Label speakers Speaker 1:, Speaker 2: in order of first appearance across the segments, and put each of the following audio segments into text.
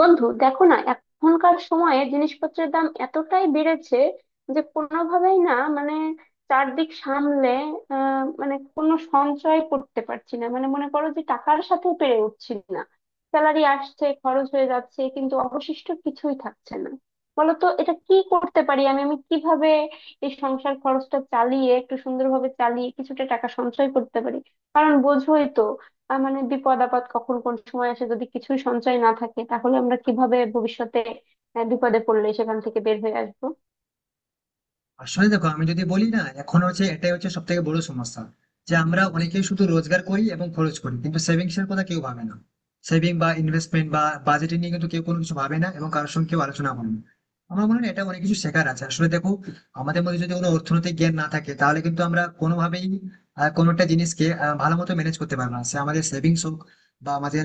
Speaker 1: বন্ধু, দেখো না, এখনকার সময়ে জিনিসপত্রের দাম এতটাই বেড়েছে যে কোনোভাবেই, না চারদিক সামলে আহ মানে কোনো সঞ্চয় করতে পারছি না। মানে, মনে করো যে টাকার সাথে পেরে উঠছি না। স্যালারি আসছে, খরচ হয়ে যাচ্ছে, কিন্তু অবশিষ্ট কিছুই থাকছে না। বলতো, এটা কি করতে পারি আমি আমি কিভাবে এই সংসার খরচটা চালিয়ে, একটু সুন্দরভাবে চালিয়ে, কিছুটা টাকা সঞ্চয় করতে পারি? কারণ বোঝোই তো, মানে বিপদ আপদ কখন কোন সময় আসে। যদি কিছুই সঞ্চয় না থাকে, তাহলে আমরা কিভাবে ভবিষ্যতে বিপদে পড়লে সেখান থেকে বের হয়ে আসবো?
Speaker 2: আসলে দেখো, আমি যদি বলি না, এখন হচ্ছে এটাই হচ্ছে সব থেকে বড় সমস্যা যে আমরা অনেকেই শুধু রোজগার করি এবং খরচ করি, কিন্তু সেভিংস এর কথা কেউ ভাবে না। সেভিং বা ইনভেস্টমেন্ট বা বাজেটিং নিয়ে কিন্তু কেউ কোনো কিছু ভাবে না এবং কারোর সঙ্গে কেউ আলোচনা করে না। আমার মনে হয় এটা অনেক কিছু শেখার আছে। আসলে দেখো, আমাদের মধ্যে যদি কোনো অর্থনৈতিক জ্ঞান না থাকে তাহলে কিন্তু আমরা কোনোভাবেই কোনো একটা জিনিসকে ভালো মতো ম্যানেজ করতে পারবো না, সে আমাদের সেভিংস হোক বা আমাদের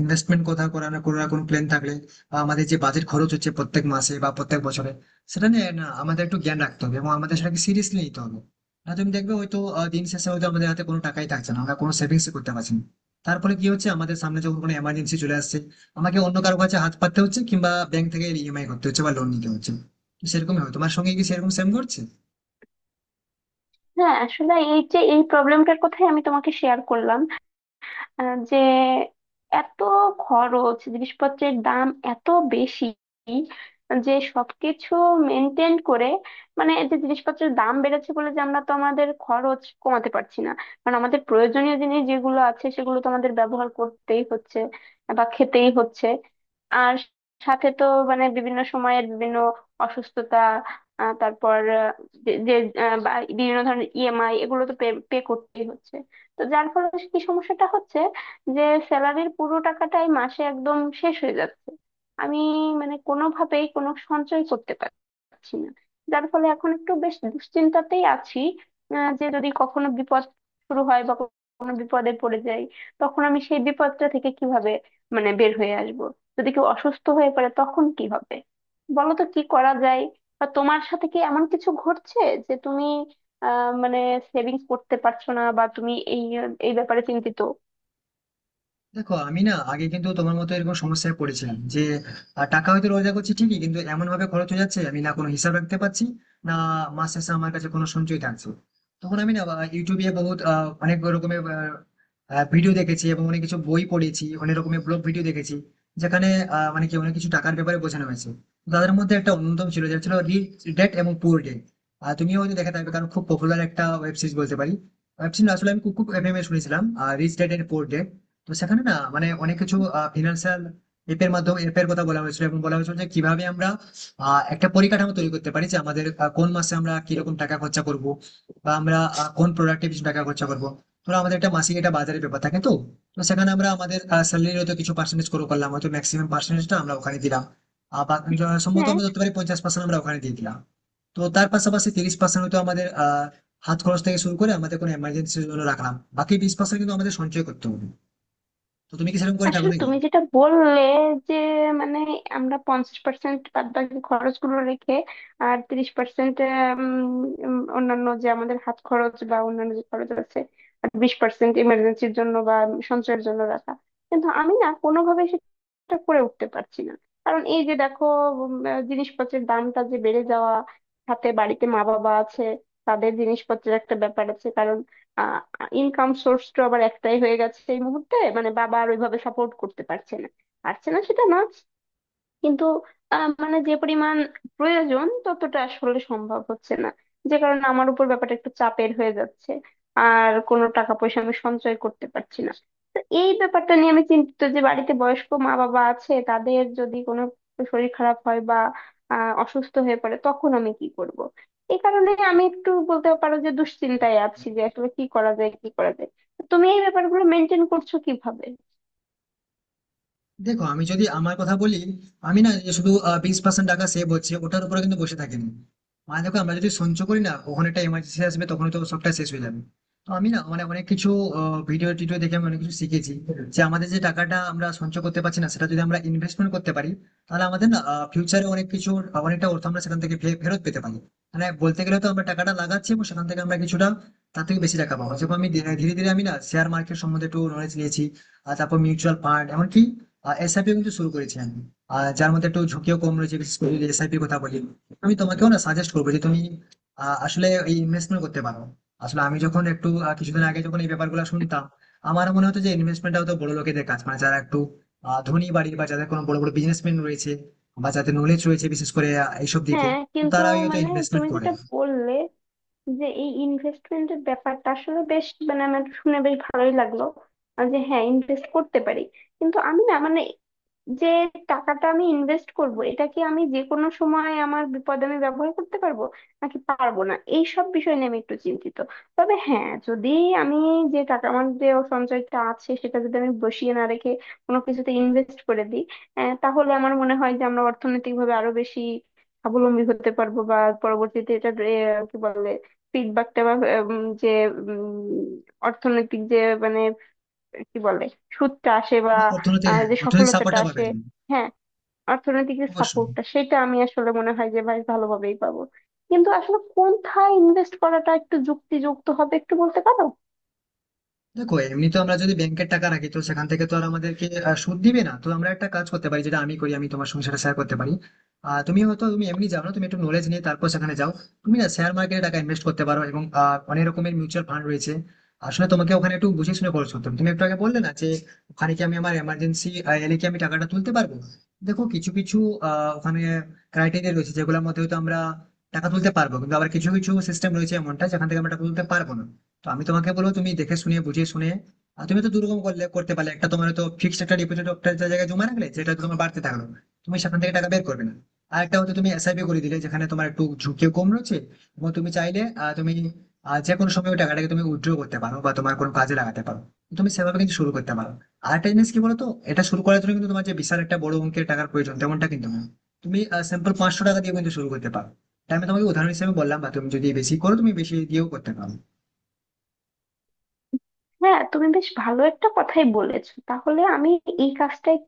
Speaker 2: ইনভেস্টমেন্ট কথা করার করার কোনো প্ল্যান থাকলে, বা আমাদের যে বাজেট খরচ হচ্ছে প্রত্যেক মাসে বা প্রত্যেক বছরে, সেটা নিয়ে না আমাদের একটু জ্ঞান রাখতে হবে এবং আমাদের সেটাকে সিরিয়াসলি নিতে হবে। না তুমি দেখবে হয়তো দিন শেষে হয়তো আমাদের হাতে কোনো টাকাই থাকছে না, আমরা কোনো সেভিংস করতে পারছি না। তারপরে কি হচ্ছে, আমাদের সামনে যখন কোনো এমার্জেন্সি চলে আসছে, আমাকে অন্য কারো কাছে হাত পাততে হচ্ছে কিংবা ব্যাংক থেকে ইএমআই করতে হচ্ছে বা লোন নিতে হচ্ছে। তো সেরকমই হয়, তোমার সঙ্গে কি সেরকম সেম করছে?
Speaker 1: হ্যাঁ, আসলে এই যে এই প্রবলেমটার কথাই আমি তোমাকে শেয়ার করলাম। যে এত খরচ, জিনিসপত্রের দাম এত বেশি যে সবকিছু মেনটেন করে মানে, এই যে জিনিসপত্রের দাম বেড়েছে বলে যে আমরা তো আমাদের খরচ কমাতে পারছি না। কারণ আমাদের প্রয়োজনীয় জিনিস যেগুলো আছে, সেগুলো তো আমাদের ব্যবহার করতেই হচ্ছে বা খেতেই হচ্ছে। আর সাথে তো মানে বিভিন্ন সময়ের বিভিন্ন অসুস্থতা, আহ, তারপর আহ, যে যে, আহ, বা বিভিন্ন ধরনের ইএমআই, এগুলো তো পে পে করতেই হচ্ছে। তো যার ফলে কি সমস্যাটা হচ্ছে, যে স্যালারির পুরো টাকাটাই মাসে একদম শেষ হয়ে যাচ্ছে। আমি মানে কোনোভাবেই কোনো সঞ্চয় করতে পারছি না, যার ফলে এখন একটু বেশ দুশ্চিন্তাতেই আছি। যে যদি কখনো বিপদ শুরু হয় বা কোনো বিপদে পড়ে যাই, তখন আমি সেই বিপদটা থেকে কিভাবে মানে বের হয়ে আসব? যদি কেউ অসুস্থ হয়ে পড়ে, তখন কি হবে? বলো তো কি করা যায়? বা তোমার সাথে কি এমন কিছু ঘটছে যে তুমি আহ মানে সেভিংস করতে পারছো না বা তুমি এই এই ব্যাপারে চিন্তিত?
Speaker 2: দেখো আমি না আগে কিন্তু তোমার মতো এরকম সমস্যায় পড়েছিলাম যে টাকা হয়তো রোজগার করছি ঠিকই, কিন্তু এমন ভাবে খরচ হয়ে যাচ্ছে, আমি না কোনো হিসাব রাখতে পারছি না, মাস শেষে আমার কাছে কোনো সঞ্চয় থাকছে। তখন আমি না ইউটিউবে বহুত অনেক রকমের ভিডিও দেখেছি এবং অনেক কিছু বই পড়েছি, অনেক রকমের ব্লগ ভিডিও দেখেছি যেখানে মানে কি অনেক কিছু টাকার ব্যাপারে বোঝানো হয়েছে। তাদের মধ্যে একটা অন্যতম ছিল, যেটা ছিল রিচ ড্যাড এবং পুয়ার ড্যাড। আর তুমিও হয়তো দেখে থাকবে, কারণ খুব পপুলার একটা ওয়েব সিরিজ বলতে পারি। ওয়েব সিরিজ আসলে আমি খুব খুব এফএম এ শুনেছিলাম rich dad and poor dad. তো সেখানে না মানে অনেক কিছু ফিনান্সিয়াল এর মাধ্যমে অ্যাপের কথা বলা হয়েছিল এবং বলা হয়েছিল যে কিভাবে আমরা একটা পরিকাঠামো তৈরি করতে পারি যে আমাদের কোন মাসে আমরা কিরকম টাকা খরচা করব, বা আমরা কোন প্রোডাক্টে বেশি টাকা খরচা করব। ধরো আমাদের একটা মাসিক একটা বাজারের ব্যাপার থাকে, তো তো সেখানে আমরা আমাদের স্যালারির হয়তো কিছু পার্সেন্টেজ করে করলাম, হয়তো ম্যাক্সিমাম পার্সেন্টেজটা আমরা ওখানে দিলাম, বা সম্ভবত
Speaker 1: হ্যাঁ,
Speaker 2: আমরা ধরতে পারি 50% আমরা ওখানে দিয়ে দিলাম। তো তার পাশাপাশি 30% হয়তো আমাদের হাত খরচ থেকে শুরু করে আমাদের কোনো এমার্জেন্সির জন্য রাখলাম, বাকি 20% কিন্তু আমাদের সঞ্চয় করতে হবে। তো তুমি কি সেরকম করে থাকো
Speaker 1: আসলে
Speaker 2: নাকি?
Speaker 1: তুমি যেটা বললে, যে মানে আমরা 50% বাদ বাকি খরচ গুলো রেখে, আর 30% অন্যান্য যে আমাদের হাত খরচ বা অন্যান্য যে খরচ আছে, আর 20% ইমার্জেন্সির জন্য বা সঞ্চয়ের জন্য রাখা। কিন্তু আমি না কোনোভাবে সেটা করে উঠতে পারছি না। কারণ এই যে দেখো, জিনিসপত্রের দামটা যে বেড়ে যাওয়া, সাথে বাড়িতে মা বাবা আছে, তাদের জিনিসপত্রের একটা ব্যাপার আছে। কারণ ইনকাম সোর্সটা আবার একটাই হয়ে গেছে এই মুহূর্তে, মানে বাবা আর ওইভাবে সাপোর্ট করতে পারছে না। পারছে না সেটা না, কিন্তু মানে যে পরিমাণ প্রয়োজন ততটা আসলে সম্ভব হচ্ছে না। যে কারণে আমার উপর ব্যাপারটা একটু চাপের হয়ে যাচ্ছে, আর কোনো টাকা পয়সা আমি সঞ্চয় করতে পারছি না। তো এই ব্যাপারটা নিয়ে আমি চিন্তিত যে বাড়িতে বয়স্ক মা বাবা আছে, তাদের যদি কোনো শরীর খারাপ হয় বা অসুস্থ হয়ে পড়ে, তখন আমি কি করব? এই কারণে আমি একটু বলতে পারো যে দুশ্চিন্তায় আছি, যে আসলে কি করা যায়, কি করা যায়। তুমি এই ব্যাপারগুলো মেনটেন করছো কিভাবে?
Speaker 2: দেখো, আমি যদি আমার কথা বলি, আমি না যে শুধু 20% টাকা সেভ হচ্ছে ওটার উপরে কিন্তু বসে থাকিনি। মানে দেখো, আমরা যদি সঞ্চয় করি না, কখন একটা এমার্জেন্সি আসবে, তখন তো সবটা শেষ হয়ে যাবে। তো আমি না মানে অনেক কিছু ভিডিও টিডিও দেখে আমি অনেক কিছু শিখেছি যে আমাদের যে টাকাটা আমরা সঞ্চয় করতে পারছি না সেটা যদি আমরা ইনভেস্টমেন্ট করতে পারি, তাহলে আমাদের না ফিউচারে অনেক কিছু অনেকটা অর্থ আমরা সেখান থেকে ফেরত পেতে পারি। মানে বলতে গেলে তো আমরা টাকাটা লাগাচ্ছি এবং সেখান থেকে আমরা কিছুটা তার থেকে বেশি টাকা পাবো। যেমন আমি ধীরে ধীরে আমি না শেয়ার মার্কেট সম্বন্ধে একটু নলেজ নিয়েছি, আর তারপর মিউচুয়াল ফান্ড এমনকি এসআইপি কিন্তু শুরু করেছি আমি, আর যার মধ্যে একটু ঝুঁকিও কম রয়েছে, বিশেষ করে যদি এসআইপি কথা বলি। আমি তোমাকেও না সাজেস্ট করবো যে তুমি আসলে এই ইনভেস্টমেন্ট করতে পারো। আসলে আমি যখন একটু কিছুদিন আগে যখন এই ব্যাপারগুলো শুনতাম, আমার মনে হতো যে ইনভেস্টমেন্টটা হতো বড় লোকেদের কাজ, মানে যারা একটু ধনী বাড়ি বা যাদের কোনো বড় বড় বিজনেসম্যান রয়েছে বা যাদের নলেজ রয়েছে, বিশেষ করে এইসব দিকে
Speaker 1: হ্যাঁ, কিন্তু
Speaker 2: তারাই হয়তো
Speaker 1: মানে
Speaker 2: ইনভেস্টমেন্ট
Speaker 1: তুমি
Speaker 2: করে।
Speaker 1: যেটা বললে, যে এই ইনভেস্টমেন্টের ব্যাপারটা আসলে বেশ মানে আমার শুনে বেশ ভালোই লাগলো। আর যে হ্যাঁ, ইনভেস্ট করতে পারি, কিন্তু আমি না মানে যে টাকাটা আমি ইনভেস্ট করব, এটা কি আমি যে কোনো সময় আমার বিপদে আমি ব্যবহার করতে পারবো নাকি পারবো না, এই সব বিষয় নিয়ে আমি একটু চিন্তিত। তবে হ্যাঁ, যদি আমি যে টাকা আমার যে সঞ্চয়টা আছে সেটা যদি আমি বসিয়ে না রেখে কোনো কিছুতে ইনভেস্ট করে দিই, তাহলে আমার মনে হয় যে আমরা অর্থনৈতিকভাবে আরো বেশি স্বাবলম্বী হতে পারবো। বা পরবর্তীতে এটা কি বলে, ফিডব্যাকটা বা যে উম, অর্থনৈতিক যে মানে কি বলে সুদটা আসে বা
Speaker 2: তোমার অর্থনীতি, হ্যাঁ,
Speaker 1: যে
Speaker 2: অর্থনীতির
Speaker 1: সফলতাটা
Speaker 2: সাপোর্টটা পাবে
Speaker 1: আসে।
Speaker 2: তুমি
Speaker 1: হ্যাঁ, অর্থনৈতিক যে
Speaker 2: অবশ্যই।
Speaker 1: সাপোর্টটা সেটা আমি আসলে মনে হয় যে ভাই ভালোভাবেই পাবো। কিন্তু আসলে কোনথায় ইনভেস্ট করাটা একটু যুক্তিযুক্ত হবে, একটু বলতে পারো?
Speaker 2: দেখো, এমনি তো আমরা যদি ব্যাংকের টাকা রাখি তো সেখান থেকে তো আর আমাদেরকে সুদ দিবে না। তো আমরা একটা কাজ করতে পারি, যেটা আমি করি আমি তোমার সঙ্গে সেটা শেয়ার করতে পারি। তুমি হয়তো তুমি এমনি যাও না, তুমি একটু নলেজ নিয়ে তারপর সেখানে যাও। তুমি না শেয়ার মার্কেটে টাকা ইনভেস্ট করতে পারো, এবং অনেক রকমের মিউচুয়াল ফান্ড রয়েছে। আসলে তোমাকে ওখানে একটু বুঝে শুনে খরচ করতে হবে। তুমি একটু আগে বললে না যে ওখানে কি আমি আমার এমার্জেন্সি এলে কি আমি টাকাটা তুলতে পারবো? দেখো, কিছু কিছু ওখানে ক্রাইটেরিয়া রয়েছে যেগুলোর মধ্যে হয়তো আমরা টাকা তুলতে পারবো, কিন্তু আবার কিছু কিছু সিস্টেম রয়েছে এমনটা যেখান থেকে আমরা টাকা তুলতে পারবো না। তো আমি তোমাকে বলবো, তুমি দেখে শুনে বুঝে শুনে, আর তুমি তো দুরকম করলে করতে পারলে, একটা তোমার তো ফিক্সড একটা ডিপোজিট একটা জায়গায় জমা রাখলে যেটা তোমার বাড়তে থাকলো, তুমি সেখান থেকে টাকা বের করবে না। আর একটা হয়তো তুমি এসআইপি করে দিলে যেখানে তোমার একটু ঝুঁকিও কম রয়েছে, এবং তুমি চাইলে যে কোনো সময় ওই টাকাটাকে তুমি উইথড্র করতে পারো বা তোমার কোনো কাজে লাগাতে পারো। তুমি সেভাবে কিন্তু শুরু করতে পারো। আর একটা জিনিস কি বলতো, এটা শুরু করার জন্য কিন্তু তোমার যে বিশাল একটা বড় অঙ্কের টাকার প্রয়োজন তেমনটা কিন্তু না। তুমি স্যাম্পল 500 টাকা দিয়ে কিন্তু শুরু করতে পারো। এটা আমি তোমাকে উদাহরণ হিসেবে বললাম, বা তুমি যদি বেশি করো তুমি বেশি দিয়েও করতে পারো।
Speaker 1: হ্যাঁ, তুমি বেশ ভালো একটা কথাই বলেছো। তাহলে আমি এই কাজটাই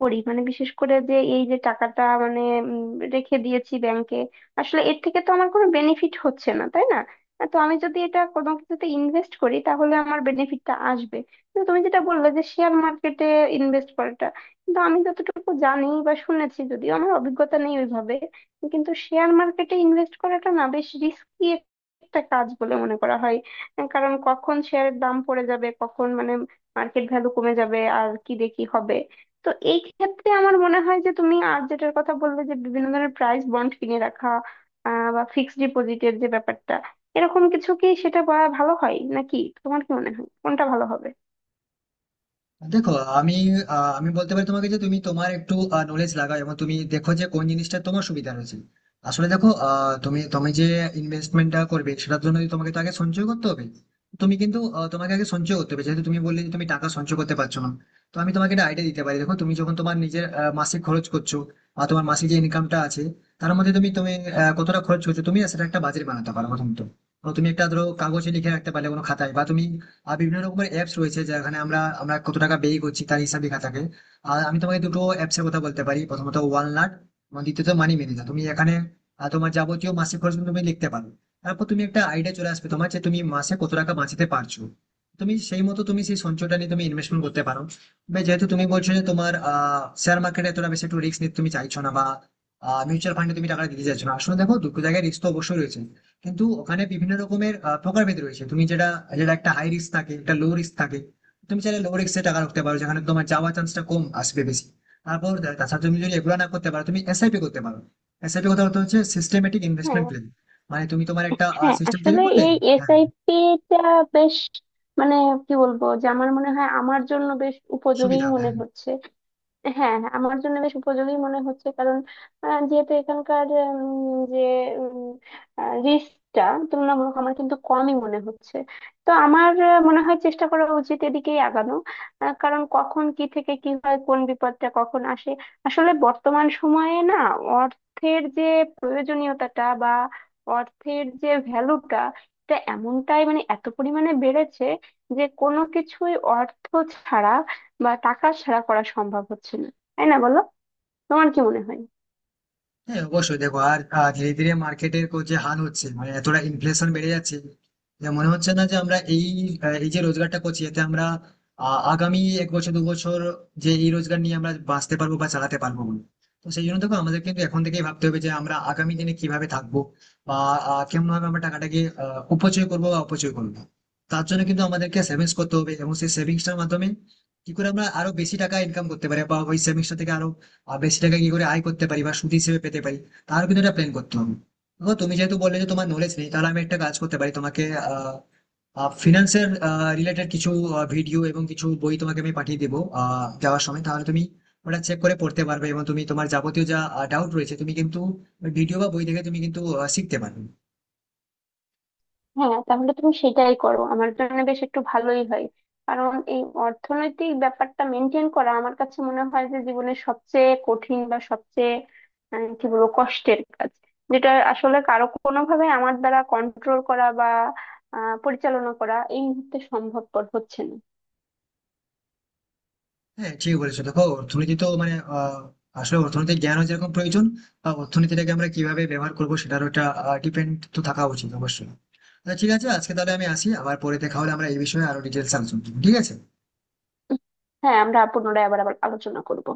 Speaker 1: করি, মানে বিশেষ করে যে এই যে টাকাটা মানে উম, রেখে দিয়েছি ব্যাংকে, আসলে এর থেকে তো আমার কোনো বেনিফিট হচ্ছে না, তাই না? তো আমি যদি এটা কোনো কিছুতে ইনভেস্ট করি, তাহলে আমার বেনিফিটটা আসবে। কিন্তু তুমি যেটা বললে যে শেয়ার মার্কেটে ইনভেস্ট করাটা, কিন্তু আমি যতটুকু জানি বা শুনেছি, যদিও আমার অভিজ্ঞতা নেই ওইভাবে, কিন্তু শেয়ার মার্কেটে ইনভেস্ট করাটা না বেশ রিস্কি একটা কাজ বলে মনে করা হয়। কারণ কখন শেয়ারের দাম পড়ে যাবে, কখন মানে মার্কেট ভ্যালু কমে যাবে আর কি দেখি হবে। তো এই ক্ষেত্রে আমার মনে হয় যে তুমি আর যেটার কথা বললে যে বিভিন্ন ধরনের প্রাইস বন্ড কিনে রাখা, বা ফিক্সড ডিপোজিটের যে ব্যাপারটা, এরকম কিছু কি সেটা বা ভালো হয় নাকি? তোমার কি মনে হয় কোনটা ভালো হবে?
Speaker 2: দেখো, আমি আমি বলতে পারি তোমাকে যে তুমি তোমার একটু নলেজ লাগাও এবং তুমি দেখো যে কোন জিনিসটা তোমার সুবিধা রয়েছে। আসলে দেখো, আহ, তুমি তুমি যে ইনভেস্টমেন্টটা করবে সেটার জন্য যদি তোমাকে তো আগে সঞ্চয় করতে হবে। তুমি কিন্তু তোমাকে আগে সঞ্চয় করতে হবে, যেহেতু তুমি বললে যে তুমি টাকা সঞ্চয় করতে পারছো না। তো আমি তোমাকে একটা আইডিয়া দিতে পারি। দেখো, তুমি যখন তোমার নিজের মাসিক খরচ করছো বা তোমার মাসিক যে ইনকামটা আছে তার মধ্যে তুমি তুমি আহ, কতটা খরচ করছো, তুমি না সেটা একটা বাজেট বানাতে পারো প্রথমত। তো তুমি একটা ধরো কাগজে লিখে রাখতে পারলে কোনো খাতায়, বা তুমি আর বিভিন্ন রকমের অ্যাপস রয়েছে যেখানে আমরা আমরা কত টাকা ব্যয় করছি তার হিসাব লেখা থাকে। আর আমি তোমাকে দুটো অ্যাপসের কথা বলতে পারি, প্রথমত ওয়ালনাট এবং দ্বিতীয়ত মানি ম্যানেজার। তুমি এখানে তোমার যাবতীয় মাসিক খরচ কিন্তু তুমি লিখতে পারো। তারপর তুমি একটা আইডিয়া চলে আসবে তোমার যে তুমি মাসে কত টাকা বাঁচাতে পারছো। তুমি সেই মতো তুমি সেই সঞ্চয়টা নিয়ে তুমি ইনভেস্টমেন্ট করতে পারো। বা যেহেতু তুমি বলছো যে তোমার শেয়ার মার্কেটে এতটা বেশি একটু রিস্ক নিতে তুমি চাইছো না, বা মিউচুয়াল ফান্ডে তুমি টাকা দিতে চাইছো না। আসলে দেখো, দুটো জায়গায় রিস্ক তো অবশ্যই রয়েছে, কিন্তু ওখানে বিভিন্ন রকমের প্রকারভেদ রয়েছে। তুমি যেটা যেটা একটা হাই রিস্ক থাকে, একটা লো রিস্ক থাকে। তুমি চাইলে লো রিস্কে টাকা রাখতে পারো যেখানে তোমার যাওয়ার চান্সটা কম আসবে বেশি। তারপর তাছাড়া তুমি যদি এগুলো না করতে পারো তুমি এসআইপি করতে পারো। এসআইপি কথা বলতে হচ্ছে সিস্টেমেটিক ইনভেস্টমেন্ট
Speaker 1: হ্যাঁ,
Speaker 2: প্ল্যান, মানে তুমি তোমার একটা
Speaker 1: হ্যাঁ,
Speaker 2: সিস্টেম তৈরি
Speaker 1: আসলে
Speaker 2: করলে।
Speaker 1: এই
Speaker 2: হ্যাঁ,
Speaker 1: এসআইপি টা বেশ মানে কি বলবো, যে আমার মনে হয় আমার জন্য বেশ উপযোগী
Speaker 2: সুবিধা হবে।
Speaker 1: মনে
Speaker 2: হ্যাঁ,
Speaker 1: হচ্ছে। হ্যাঁ, হ্যাঁ, আমার জন্য বেশ উপযোগী মনে হচ্ছে। কারণ যেহেতু এখানকার উম, যে রিস্কটা তুলনামূলক আমার কিন্তু কমই মনে হচ্ছে। তো আমার মনে হয় চেষ্টা করা উচিত এদিকেই আগানো। কারণ কখন কি থেকে কি হয়, কোন বিপদটা কখন আসে। আসলে বর্তমান সময়ে না অর্থের যে প্রয়োজনীয়তাটা বা অর্থের যে ভ্যালুটা, এটা এমনটাই মানে এত পরিমাণে বেড়েছে যে কোনো কিছুই অর্থ ছাড়া বা টাকা ছাড়া করা সম্ভব হচ্ছে না, তাই না বলো? তোমার কি মনে হয়?
Speaker 2: হ্যাঁ, অবশ্যই। দেখো, আর ধীরে ধীরে মার্কেটের যে হাল হচ্ছে, মানে এতটা ইনফ্লেশন বেড়ে যাচ্ছে, যে মনে হচ্ছে না যে আমরা এই এই যে রোজগারটা করছি এতে আমরা আগামী এক বছর দু বছর যে এই রোজগার নিয়ে আমরা বাঁচতে পারবো বা চালাতে পারবো বলে। তো সেই জন্য দেখো, আমাদের কিন্তু এখন থেকেই ভাবতে হবে যে আমরা আগামী দিনে কিভাবে থাকবো, বা কেমন ভাবে আমরা টাকাটাকে উপচয় করবো বা অপচয় করবো। তার জন্য কিন্তু আমাদেরকে সেভিংস করতে হবে, এবং সেই সেভিংসটার মাধ্যমে কি করে আমরা আরো বেশি টাকা ইনকাম করতে পারি, বা ওই সেভিংসটা থেকে আরো বেশি টাকা কি করে আয় করতে পারি বা সুদ হিসেবে পেতে পারি, তারও কিন্তু একটা প্ল্যান করতে হবে। দেখো, তুমি যেহেতু বললে যে তোমার নলেজ নেই, তাহলে আমি একটা কাজ করতে পারি, তোমাকে ফিনান্সের রিলেটেড কিছু ভিডিও এবং কিছু বই তোমাকে আমি পাঠিয়ে দেবো যাওয়ার সময়। তাহলে তুমি ওটা চেক করে পড়তে পারবে, এবং তুমি তোমার যাবতীয় যা ডাউট রয়েছে তুমি কিন্তু ভিডিও বা বই দেখে তুমি কিন্তু শিখতে পারবে।
Speaker 1: হ্যাঁ, তাহলে তুমি সেটাই করো, আমার জন্য বেশ একটু ভালোই হয়। কারণ এই অর্থনৈতিক ব্যাপারটা মেনটেন করা আমার কাছে মনে হয় যে জীবনের সবচেয়ে কঠিন বা সবচেয়ে কি বলবো, কষ্টের কাজ, যেটা আসলে কারো কোনোভাবে আমার দ্বারা কন্ট্রোল করা বা পরিচালনা করা এই মুহূর্তে সম্ভবপর হচ্ছে না।
Speaker 2: হ্যাঁ ঠিক বলেছো। দেখো, অর্থনীতি তো মানে আসলে অর্থনৈতিক জ্ঞানও যেরকম প্রয়োজন, বা অর্থনীতিটাকে আমরা কিভাবে ব্যবহার করবো সেটারও একটা ডিপেন্ড তো থাকা উচিত অবশ্যই। আচ্ছা, ঠিক আছে, আজকে তাহলে আমি আসি। আবার পরে দেখা হলে আমরা এই বিষয়ে আরো ডিটেলস আলোচনা করবো, ঠিক আছে?
Speaker 1: হ্যাঁ, আমরা পুনরায় আবার আবার আলোচনা করব।